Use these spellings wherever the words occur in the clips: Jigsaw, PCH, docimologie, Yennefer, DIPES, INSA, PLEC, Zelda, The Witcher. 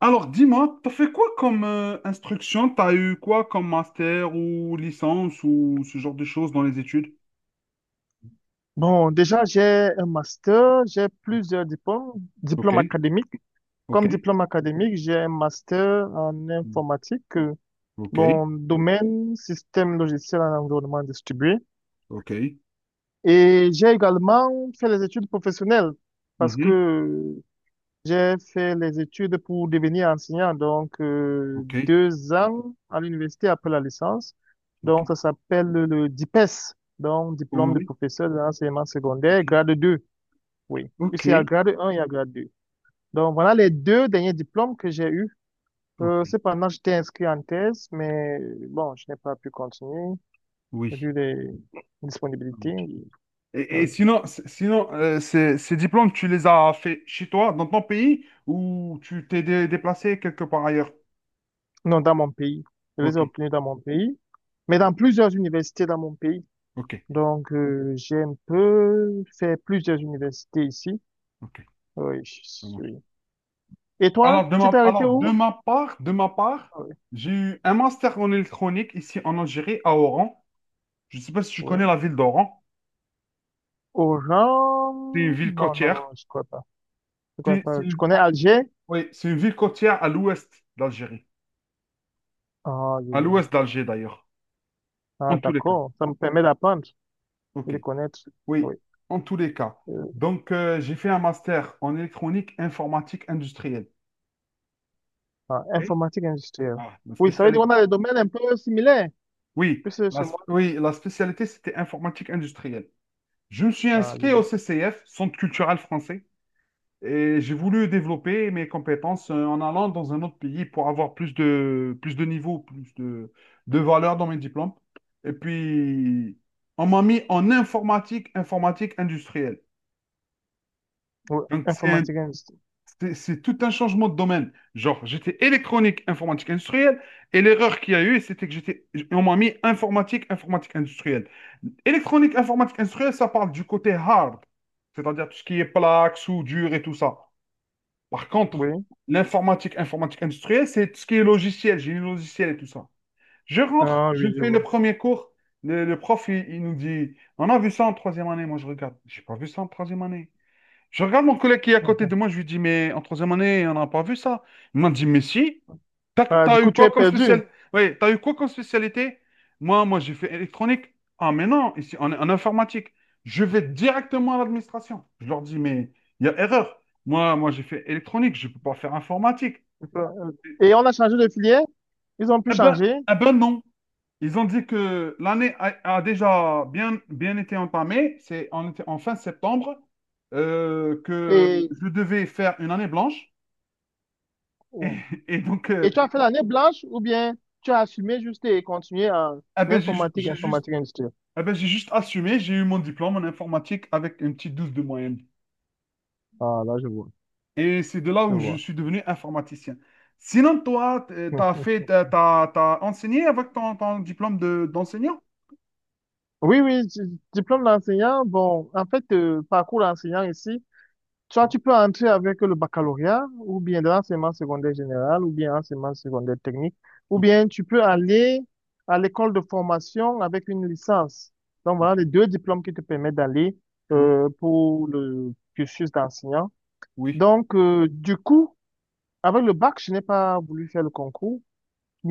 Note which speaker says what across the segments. Speaker 1: Alors, dis-moi, t'as fait quoi comme instruction? T'as eu quoi comme master ou licence ou ce genre de choses dans les études?
Speaker 2: Bon, déjà, j'ai un master, j'ai plusieurs diplômes,
Speaker 1: Ok,
Speaker 2: diplômes académiques.
Speaker 1: ok,
Speaker 2: Comme diplôme académique, j'ai un master en
Speaker 1: mm,
Speaker 2: informatique,
Speaker 1: ok,
Speaker 2: bon, domaine système logiciel en environnement distribué.
Speaker 1: ok,
Speaker 2: Et j'ai également fait les études professionnelles parce
Speaker 1: mhm,
Speaker 2: que j'ai fait les études pour devenir enseignant, donc
Speaker 1: ok,
Speaker 2: 2 ans à l'université après la licence.
Speaker 1: ok,
Speaker 2: Donc, ça s'appelle le DIPES, donc
Speaker 1: oh
Speaker 2: diplôme de
Speaker 1: oui,
Speaker 2: professeur de l'enseignement secondaire,
Speaker 1: ok,
Speaker 2: grade 2. Oui,
Speaker 1: ok,
Speaker 2: puisqu'il y a grade 1, il y a grade 2. Donc voilà les deux derniers diplômes que j'ai eus.
Speaker 1: ok,
Speaker 2: Cependant, j'étais inscrit en thèse, mais bon, je n'ai pas pu continuer
Speaker 1: oui.
Speaker 2: vu les
Speaker 1: Ça
Speaker 2: disponibilités.
Speaker 1: marche.
Speaker 2: Ah
Speaker 1: Et
Speaker 2: oui.
Speaker 1: sinon, sinon ces diplômes, tu les as fait chez toi, dans ton pays, ou tu t'es déplacé quelque part ailleurs?
Speaker 2: Non, dans mon pays. Je les
Speaker 1: Ok,
Speaker 2: ai obtenus dans mon pays, mais dans plusieurs universités dans mon pays.
Speaker 1: ok,
Speaker 2: Donc j'ai un peu fait plusieurs universités ici.
Speaker 1: ok.
Speaker 2: Ah oui, je
Speaker 1: Ça
Speaker 2: suis. Oui.
Speaker 1: marche.
Speaker 2: Et toi,
Speaker 1: Alors,
Speaker 2: tu t'es arrêté où?
Speaker 1: de ma part,
Speaker 2: Ah oui.
Speaker 1: j'ai eu un master en électronique ici en Algérie, à Oran. Je ne sais pas si tu
Speaker 2: Oui.
Speaker 1: connais la ville d'Oran.
Speaker 2: Oran?
Speaker 1: C'est une ville
Speaker 2: Non, non,
Speaker 1: côtière.
Speaker 2: non, je ne crois pas. Je ne connais
Speaker 1: C'est
Speaker 2: pas. Tu
Speaker 1: une,
Speaker 2: connais
Speaker 1: oh,
Speaker 2: Alger?
Speaker 1: oui, c'est une ville côtière à l'ouest d'Algérie.
Speaker 2: Ah, je
Speaker 1: À
Speaker 2: vois.
Speaker 1: l'ouest d'Alger, d'ailleurs.
Speaker 2: Ah,
Speaker 1: En tous les cas.
Speaker 2: d'accord. Ça me permet d'apprendre et
Speaker 1: OK.
Speaker 2: de connaître.
Speaker 1: Oui,
Speaker 2: Oui.
Speaker 1: en tous les cas.
Speaker 2: Euh,
Speaker 1: Donc, j'ai fait un master en électronique informatique industrielle.
Speaker 2: ah,
Speaker 1: OK.
Speaker 2: informatique industrielle.
Speaker 1: Ah, la
Speaker 2: Oui, ça veut dire qu'on
Speaker 1: spécialité.
Speaker 2: a des domaines un peu similaires.
Speaker 1: Oui,
Speaker 2: Puisque chez moi.
Speaker 1: la spécialité, c'était informatique industrielle. Je me suis
Speaker 2: Ah, je
Speaker 1: inscrit au
Speaker 2: vois.
Speaker 1: CCF, Centre culturel français. Et j'ai voulu développer mes compétences en allant dans un autre pays pour avoir plus de niveau, plus de valeur dans mes diplômes. Et puis, on m'a mis en informatique, informatique industrielle.
Speaker 2: Oui,
Speaker 1: Donc,
Speaker 2: informatique industrielle.
Speaker 1: c'est tout un changement de domaine. Genre, j'étais électronique, informatique industrielle, et l'erreur qu'il y a eu, c'était que on m'a mis informatique, informatique industrielle. Électronique, informatique industrielle, ça parle du côté hard, c'est-à-dire tout ce qui est plaques, soudure et tout ça. Par contre,
Speaker 2: Oui.
Speaker 1: l'informatique, informatique industrielle, c'est tout ce qui est logiciel, génie logiciel et tout ça. Je rentre,
Speaker 2: Ah,
Speaker 1: je
Speaker 2: oui, je
Speaker 1: fais le
Speaker 2: vois.
Speaker 1: premier cours. Le prof, il nous dit, on a vu ça en troisième année. Moi, je regarde, j'ai pas vu ça en troisième année. Je regarde mon collègue qui est à côté de moi, je lui dis, mais en troisième année, on n'a pas vu ça. Il m'a dit, mais si.
Speaker 2: Ah, du coup, tu es perdu.
Speaker 1: T'as eu quoi comme spécialité? J'ai fait électronique. Ah, mais non, ici, en informatique. Je vais directement à l'administration. Je leur dis, mais il y a erreur. J'ai fait électronique. Je ne peux pas faire informatique.
Speaker 2: Et on a changé de filière. Ils ont pu
Speaker 1: Eh ben,
Speaker 2: changer.
Speaker 1: eh ben non. Ils ont dit que l'année a déjà bien été entamée. C'est en fin septembre que
Speaker 2: Et,
Speaker 1: je devais faire une année blanche. Et, et donc,
Speaker 2: et tu as fait l'année blanche ou bien tu as assumé juste et continué en informatique,
Speaker 1: j'ai juste
Speaker 2: informatique industrielle.
Speaker 1: eh ben, j'ai juste assumé, j'ai eu mon diplôme en informatique avec une petite 12 de moyenne.
Speaker 2: Ah, là, je vois.
Speaker 1: Et c'est de là
Speaker 2: Je
Speaker 1: où je
Speaker 2: vois.
Speaker 1: suis devenu informaticien. Sinon, toi, t- t'as fait, t'as, t'as- t'as enseigné avec ton diplôme d'enseignant?
Speaker 2: Oui, oui, diplôme d'enseignant. Bon, en fait, parcours d'enseignant ici. Soit
Speaker 1: Mhm.
Speaker 2: tu peux entrer avec le baccalauréat, ou bien de l'enseignement secondaire général, ou bien enseignement secondaire technique, ou
Speaker 1: Ok,
Speaker 2: bien tu peux aller à l'école de formation avec une licence. Donc voilà
Speaker 1: ok,
Speaker 2: les deux diplômes qui te permettent d'aller
Speaker 1: oui,
Speaker 2: pour le cursus d'enseignant.
Speaker 1: oui,
Speaker 2: Donc du coup, avec le bac, je n'ai pas voulu faire le concours.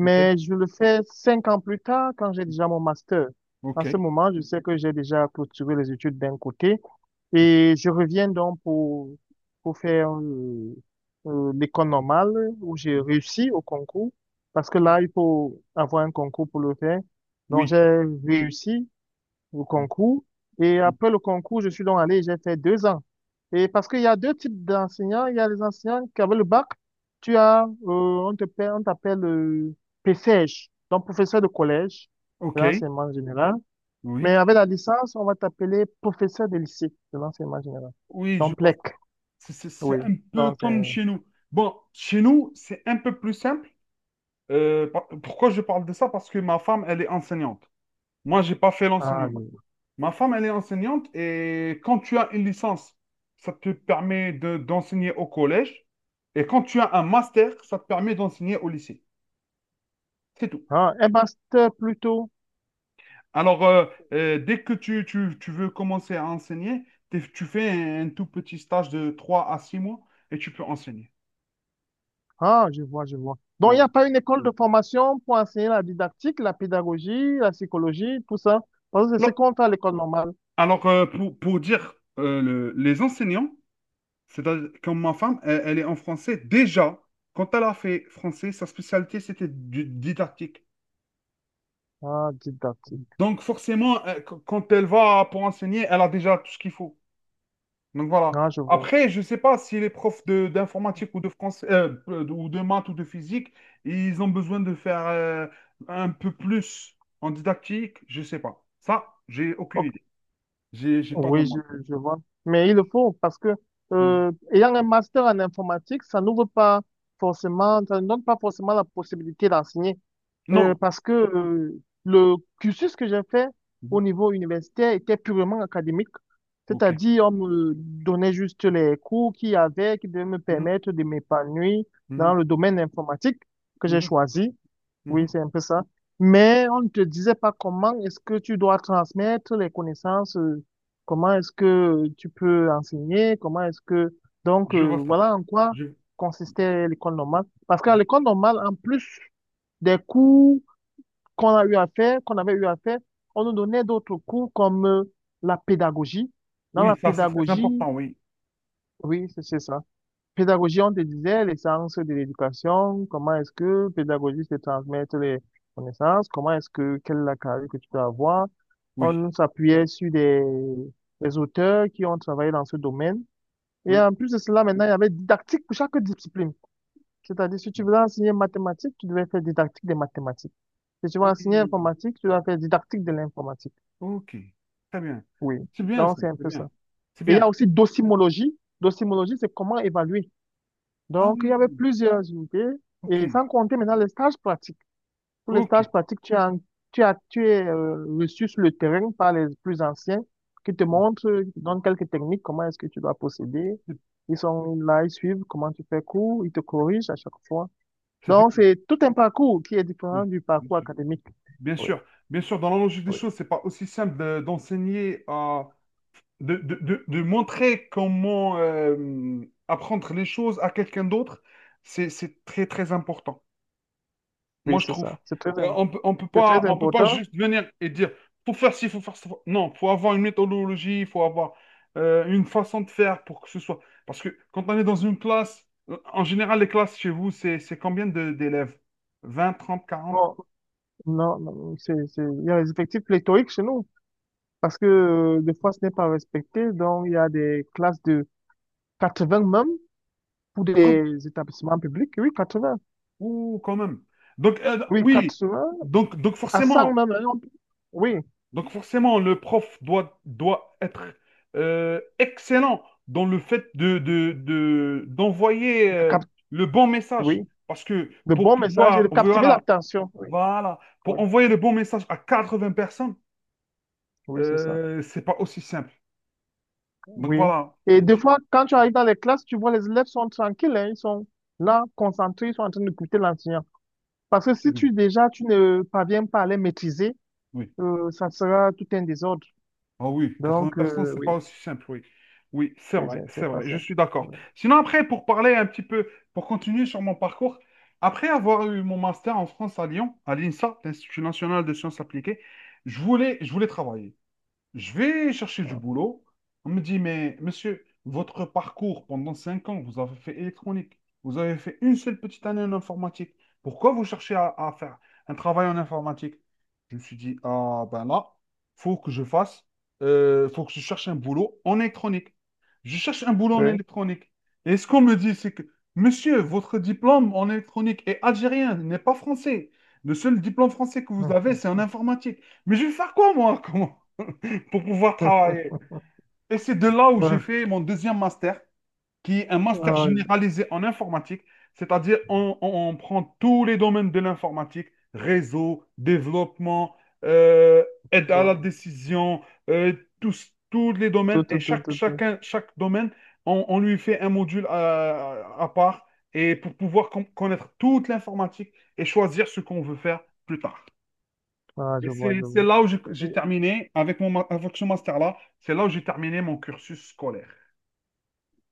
Speaker 1: ok,
Speaker 2: je le fais 5 ans plus tard quand j'ai déjà mon master.
Speaker 1: ok,
Speaker 2: En ce moment, je sais que j'ai déjà clôturé les études d'un côté
Speaker 1: ok,
Speaker 2: et je reviens donc pour faire l'école normale où j'ai réussi au concours parce que là, il faut avoir un concours pour le faire. Donc, j'ai
Speaker 1: oui,
Speaker 2: réussi au
Speaker 1: oui,
Speaker 2: concours. Et
Speaker 1: oui.
Speaker 2: après le concours, je suis donc allé, j'ai fait 2 ans. Et parce qu'il y a deux types d'enseignants. Il y a les enseignants qui avaient le bac. Tu as, on t'appelle PCH, donc professeur de collège de
Speaker 1: Ok,
Speaker 2: l'enseignement général. Mais
Speaker 1: oui,
Speaker 2: avec la licence, on va t'appeler professeur de lycée de l'enseignement général.
Speaker 1: oui, je
Speaker 2: Donc,
Speaker 1: pense.
Speaker 2: PLEC,
Speaker 1: C'est
Speaker 2: oui.
Speaker 1: un peu
Speaker 2: Donc, c'est
Speaker 1: comme chez nous. Bon, chez nous, c'est un peu plus simple. Pourquoi je parle de ça? Parce que ma femme, elle est enseignante. Moi, j'ai pas fait
Speaker 2: ah
Speaker 1: l'enseignant.
Speaker 2: oui.
Speaker 1: Ma femme, elle est enseignante et quand tu as une licence, ça te permet d'enseigner au collège. Et quand tu as un master, ça te permet d'enseigner au lycée. C'est tout.
Speaker 2: Ah, un master plutôt.
Speaker 1: Alors, dès que tu veux commencer à enseigner, tu fais un tout petit stage de 3 à 6 mois et tu peux enseigner.
Speaker 2: Ah, je vois, je vois. Donc, il
Speaker 1: Ouais.
Speaker 2: n'y a pas une école de formation pour enseigner la didactique, la pédagogie, la psychologie, tout ça. Parce que c'est ce
Speaker 1: Alors,
Speaker 2: qu'on fait à l'école normale.
Speaker 1: alors, pour dire les enseignants, c'est-à-dire comme ma femme, elle est en français déjà. Quand elle a fait français, sa spécialité, c'était didactique.
Speaker 2: Ah, didactique.
Speaker 1: Donc forcément, quand elle va pour enseigner, elle a déjà tout ce qu'il faut. Donc voilà.
Speaker 2: Ah, je vois.
Speaker 1: Après, je ne sais pas si les profs d'informatique ou de français ou de maths ou de physique, ils ont besoin de faire un peu plus en didactique. Je ne sais pas. Ça, j'ai aucune
Speaker 2: Ok.
Speaker 1: idée. J'ai pas
Speaker 2: Oui, je,
Speaker 1: demandé.
Speaker 2: je vois. Mais il le faut parce que,
Speaker 1: Mhm.
Speaker 2: ayant un master en informatique, ça n'ouvre pas forcément, ça ne donne pas forcément la possibilité d'enseigner.
Speaker 1: Non.
Speaker 2: Parce que le cursus que j'ai fait
Speaker 1: Mhm.
Speaker 2: au niveau universitaire était purement académique,
Speaker 1: Ok.
Speaker 2: c'est-à-dire on me donnait juste les cours qu'il y avait qui devaient me
Speaker 1: Mhm.
Speaker 2: permettre de m'épanouir dans
Speaker 1: Mhm.
Speaker 2: le domaine informatique que j'ai
Speaker 1: Mhm.
Speaker 2: choisi. Oui,
Speaker 1: Mhm.
Speaker 2: c'est un peu ça. Mais on ne te disait pas comment est-ce que tu dois transmettre les connaissances, comment est-ce que tu peux enseigner, comment est-ce que... Donc,
Speaker 1: Je vois ça.
Speaker 2: voilà en quoi
Speaker 1: Je-
Speaker 2: consistait l'école normale. Parce qu'à
Speaker 1: je-
Speaker 2: l'école normale, en plus des cours qu'on a eu à faire, qu'on avait eu à faire, on nous donnait d'autres cours comme la pédagogie. Dans la
Speaker 1: Oui, ça c'est très
Speaker 2: pédagogie,
Speaker 1: important. Oui.
Speaker 2: oui, c'est ça. Pédagogie, on te disait les sciences de l'éducation, comment est-ce que pédagogie, c'est transmettre les connaissances, comment est-ce que, quelle est la carrière que tu peux avoir.
Speaker 1: Oui.
Speaker 2: On s'appuyait sur des auteurs qui ont travaillé dans ce domaine. Et
Speaker 1: Oui.
Speaker 2: en plus de cela, maintenant, il y avait didactique pour chaque discipline. C'est-à-dire, si tu voulais enseigner mathématiques, tu devais faire didactique des mathématiques. Si tu vas enseigner
Speaker 1: Oui.
Speaker 2: informatique, tu vas faire didactique de l'informatique.
Speaker 1: Ok, très bien.
Speaker 2: Oui.
Speaker 1: C'est bien
Speaker 2: Donc,
Speaker 1: ça,
Speaker 2: c'est un
Speaker 1: c'est
Speaker 2: peu
Speaker 1: bien.
Speaker 2: ça.
Speaker 1: C'est
Speaker 2: Et il y
Speaker 1: bien.
Speaker 2: a aussi docimologie. Docimologie, c'est comment évaluer.
Speaker 1: Ah
Speaker 2: Donc, il y
Speaker 1: oui,
Speaker 2: avait plusieurs unités.
Speaker 1: ok,
Speaker 2: Et sans compter maintenant les stages pratiques. Pour les
Speaker 1: ok.
Speaker 2: stages pratiques, tu es reçu sur le terrain par les plus anciens qui te
Speaker 1: Oh,
Speaker 2: montrent, qui te donnent quelques techniques, comment est-ce que tu dois procéder.
Speaker 1: C'est
Speaker 2: Ils sont là, ils suivent comment tu fais cours, ils te corrigent à chaque fois.
Speaker 1: c'est
Speaker 2: Donc,
Speaker 1: bien,
Speaker 2: c'est tout un parcours qui est différent
Speaker 1: oui,
Speaker 2: du
Speaker 1: bien
Speaker 2: parcours
Speaker 1: sûr.
Speaker 2: académique.
Speaker 1: Bien
Speaker 2: Oui,
Speaker 1: sûr, bien sûr, dans la logique des
Speaker 2: oui,
Speaker 1: choses, c'est pas aussi simple d'enseigner à... De montrer comment apprendre les choses à quelqu'un d'autre, c'est très important.
Speaker 2: oui,
Speaker 1: Moi, je
Speaker 2: c'est
Speaker 1: trouve.
Speaker 2: ça. C'est très
Speaker 1: On peut pas
Speaker 2: important.
Speaker 1: juste venir et dire, faut faire ci, faut faire ça. Non, faut avoir une méthodologie, il faut avoir une façon de faire pour que ce soit. Parce que quand on est dans une classe, en général, les classes chez vous, c'est combien d'élèves? 20, 30, 40,
Speaker 2: Bon, non, non, il y a des effectifs pléthoriques chez nous parce que des fois ce n'est pas respecté. Donc, il y a des classes de 80 même pour
Speaker 1: 80?
Speaker 2: des établissements publics. Oui, 80.
Speaker 1: Ouh, quand même. Donc,
Speaker 2: Oui,
Speaker 1: oui.
Speaker 2: 80
Speaker 1: Donc, donc
Speaker 2: à
Speaker 1: forcément,
Speaker 2: 100 même, hein. Oui,
Speaker 1: Donc forcément, le prof, doit être excellent dans le fait d'envoyer
Speaker 2: de cap-
Speaker 1: le bon message.
Speaker 2: oui,
Speaker 1: Parce que
Speaker 2: de
Speaker 1: pour
Speaker 2: bons messages et
Speaker 1: pouvoir,
Speaker 2: de captiver l'attention. Oui,
Speaker 1: voilà, pour
Speaker 2: oui,
Speaker 1: envoyer le bon message à 80 personnes,
Speaker 2: oui, c'est ça.
Speaker 1: c'est pas aussi simple. Donc
Speaker 2: Oui.
Speaker 1: voilà.
Speaker 2: Et des
Speaker 1: Si-
Speaker 2: fois, quand tu arrives dans les classes, tu vois les élèves sont tranquilles, hein, ils sont là, concentrés, ils sont en train d'écouter l'enseignant. Parce que si tu déjà, tu ne parviens pas à les maîtriser,
Speaker 1: Oui.
Speaker 2: ça sera tout un désordre.
Speaker 1: Ah oui, 80
Speaker 2: Donc,
Speaker 1: personnes, c'est pas
Speaker 2: oui,
Speaker 1: aussi simple, oui. Oui,
Speaker 2: oui, c'est
Speaker 1: c'est
Speaker 2: c'est pas
Speaker 1: vrai, je
Speaker 2: ça.
Speaker 1: suis d'accord.
Speaker 2: Oui,
Speaker 1: Sinon, après, pour parler un petit peu, pour continuer sur mon parcours, après avoir eu mon master en France à Lyon, à l'INSA, l'Institut national de sciences appliquées, je voulais travailler. Je vais chercher du
Speaker 2: ah,
Speaker 1: boulot. On me dit, mais monsieur, votre parcours pendant 5 ans, vous avez fait électronique, vous avez fait une seule petite année en informatique. Pourquoi vous cherchez à faire un travail en informatique? Je me suis dit, ah ben là, faut que je fasse, faut que je cherche un boulot en électronique. Je cherche un boulot en
Speaker 2: oui.
Speaker 1: électronique. Et ce qu'on me dit, c'est que, monsieur, votre diplôme en électronique est algérien, n'est pas français. Le seul diplôme français que vous avez, c'est en informatique. Mais je vais faire quoi, moi? Comment? Pour pouvoir travailler. Et c'est de là où j'ai
Speaker 2: Hum.
Speaker 1: fait mon deuxième master, qui est un
Speaker 2: Ouais,
Speaker 1: master
Speaker 2: ah,
Speaker 1: généralisé en informatique, c'est-à-dire on prend tous les domaines de l'informatique, réseau, développement, euh, aide
Speaker 2: je
Speaker 1: à la
Speaker 2: vois.
Speaker 1: décision, euh, tous les
Speaker 2: Tout,
Speaker 1: domaines,
Speaker 2: tout,
Speaker 1: et
Speaker 2: tout, tout, tout.
Speaker 1: chaque domaine, on lui fait un module à part, et pour pouvoir connaître toute l'informatique et choisir ce qu'on veut faire plus tard.
Speaker 2: Ah,
Speaker 1: Et
Speaker 2: je vois,
Speaker 1: C'est
Speaker 2: je
Speaker 1: c'est
Speaker 2: vois.
Speaker 1: là où j'ai terminé, avec ce master-là, c'est là où j'ai terminé mon cursus scolaire.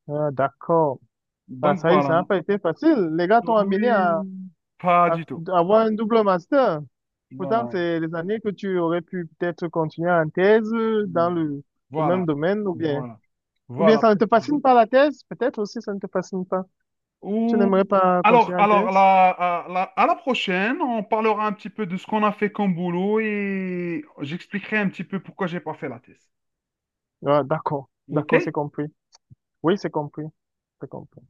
Speaker 2: Ah, d'accord. Ah,
Speaker 1: Donc
Speaker 2: ça y est,
Speaker 1: voilà.
Speaker 2: ça n'a pas été facile. Les gars t'ont amené
Speaker 1: Oui, pas
Speaker 2: à
Speaker 1: du tout.
Speaker 2: à avoir un double master. Pourtant,
Speaker 1: Voilà.
Speaker 2: c'est les années que tu aurais pu peut-être continuer en thèse dans
Speaker 1: Hmm.
Speaker 2: le même
Speaker 1: Voilà.
Speaker 2: domaine, ou bien,
Speaker 1: Voilà.
Speaker 2: ou bien
Speaker 1: Voilà.
Speaker 2: ça ne te fascine pas la thèse, peut-être aussi ça ne te fascine pas. Tu
Speaker 1: Ou...
Speaker 2: n'aimerais pas
Speaker 1: Alors,
Speaker 2: continuer en
Speaker 1: alors
Speaker 2: thèse?
Speaker 1: la- à la prochaine, on parlera un petit peu de ce qu'on a fait comme boulot et j'expliquerai un petit peu pourquoi j'ai pas fait la thèse.
Speaker 2: Ah, d'accord, d'accord, c'est
Speaker 1: OK?
Speaker 2: compris. Oui, c'est compris. C'est compris.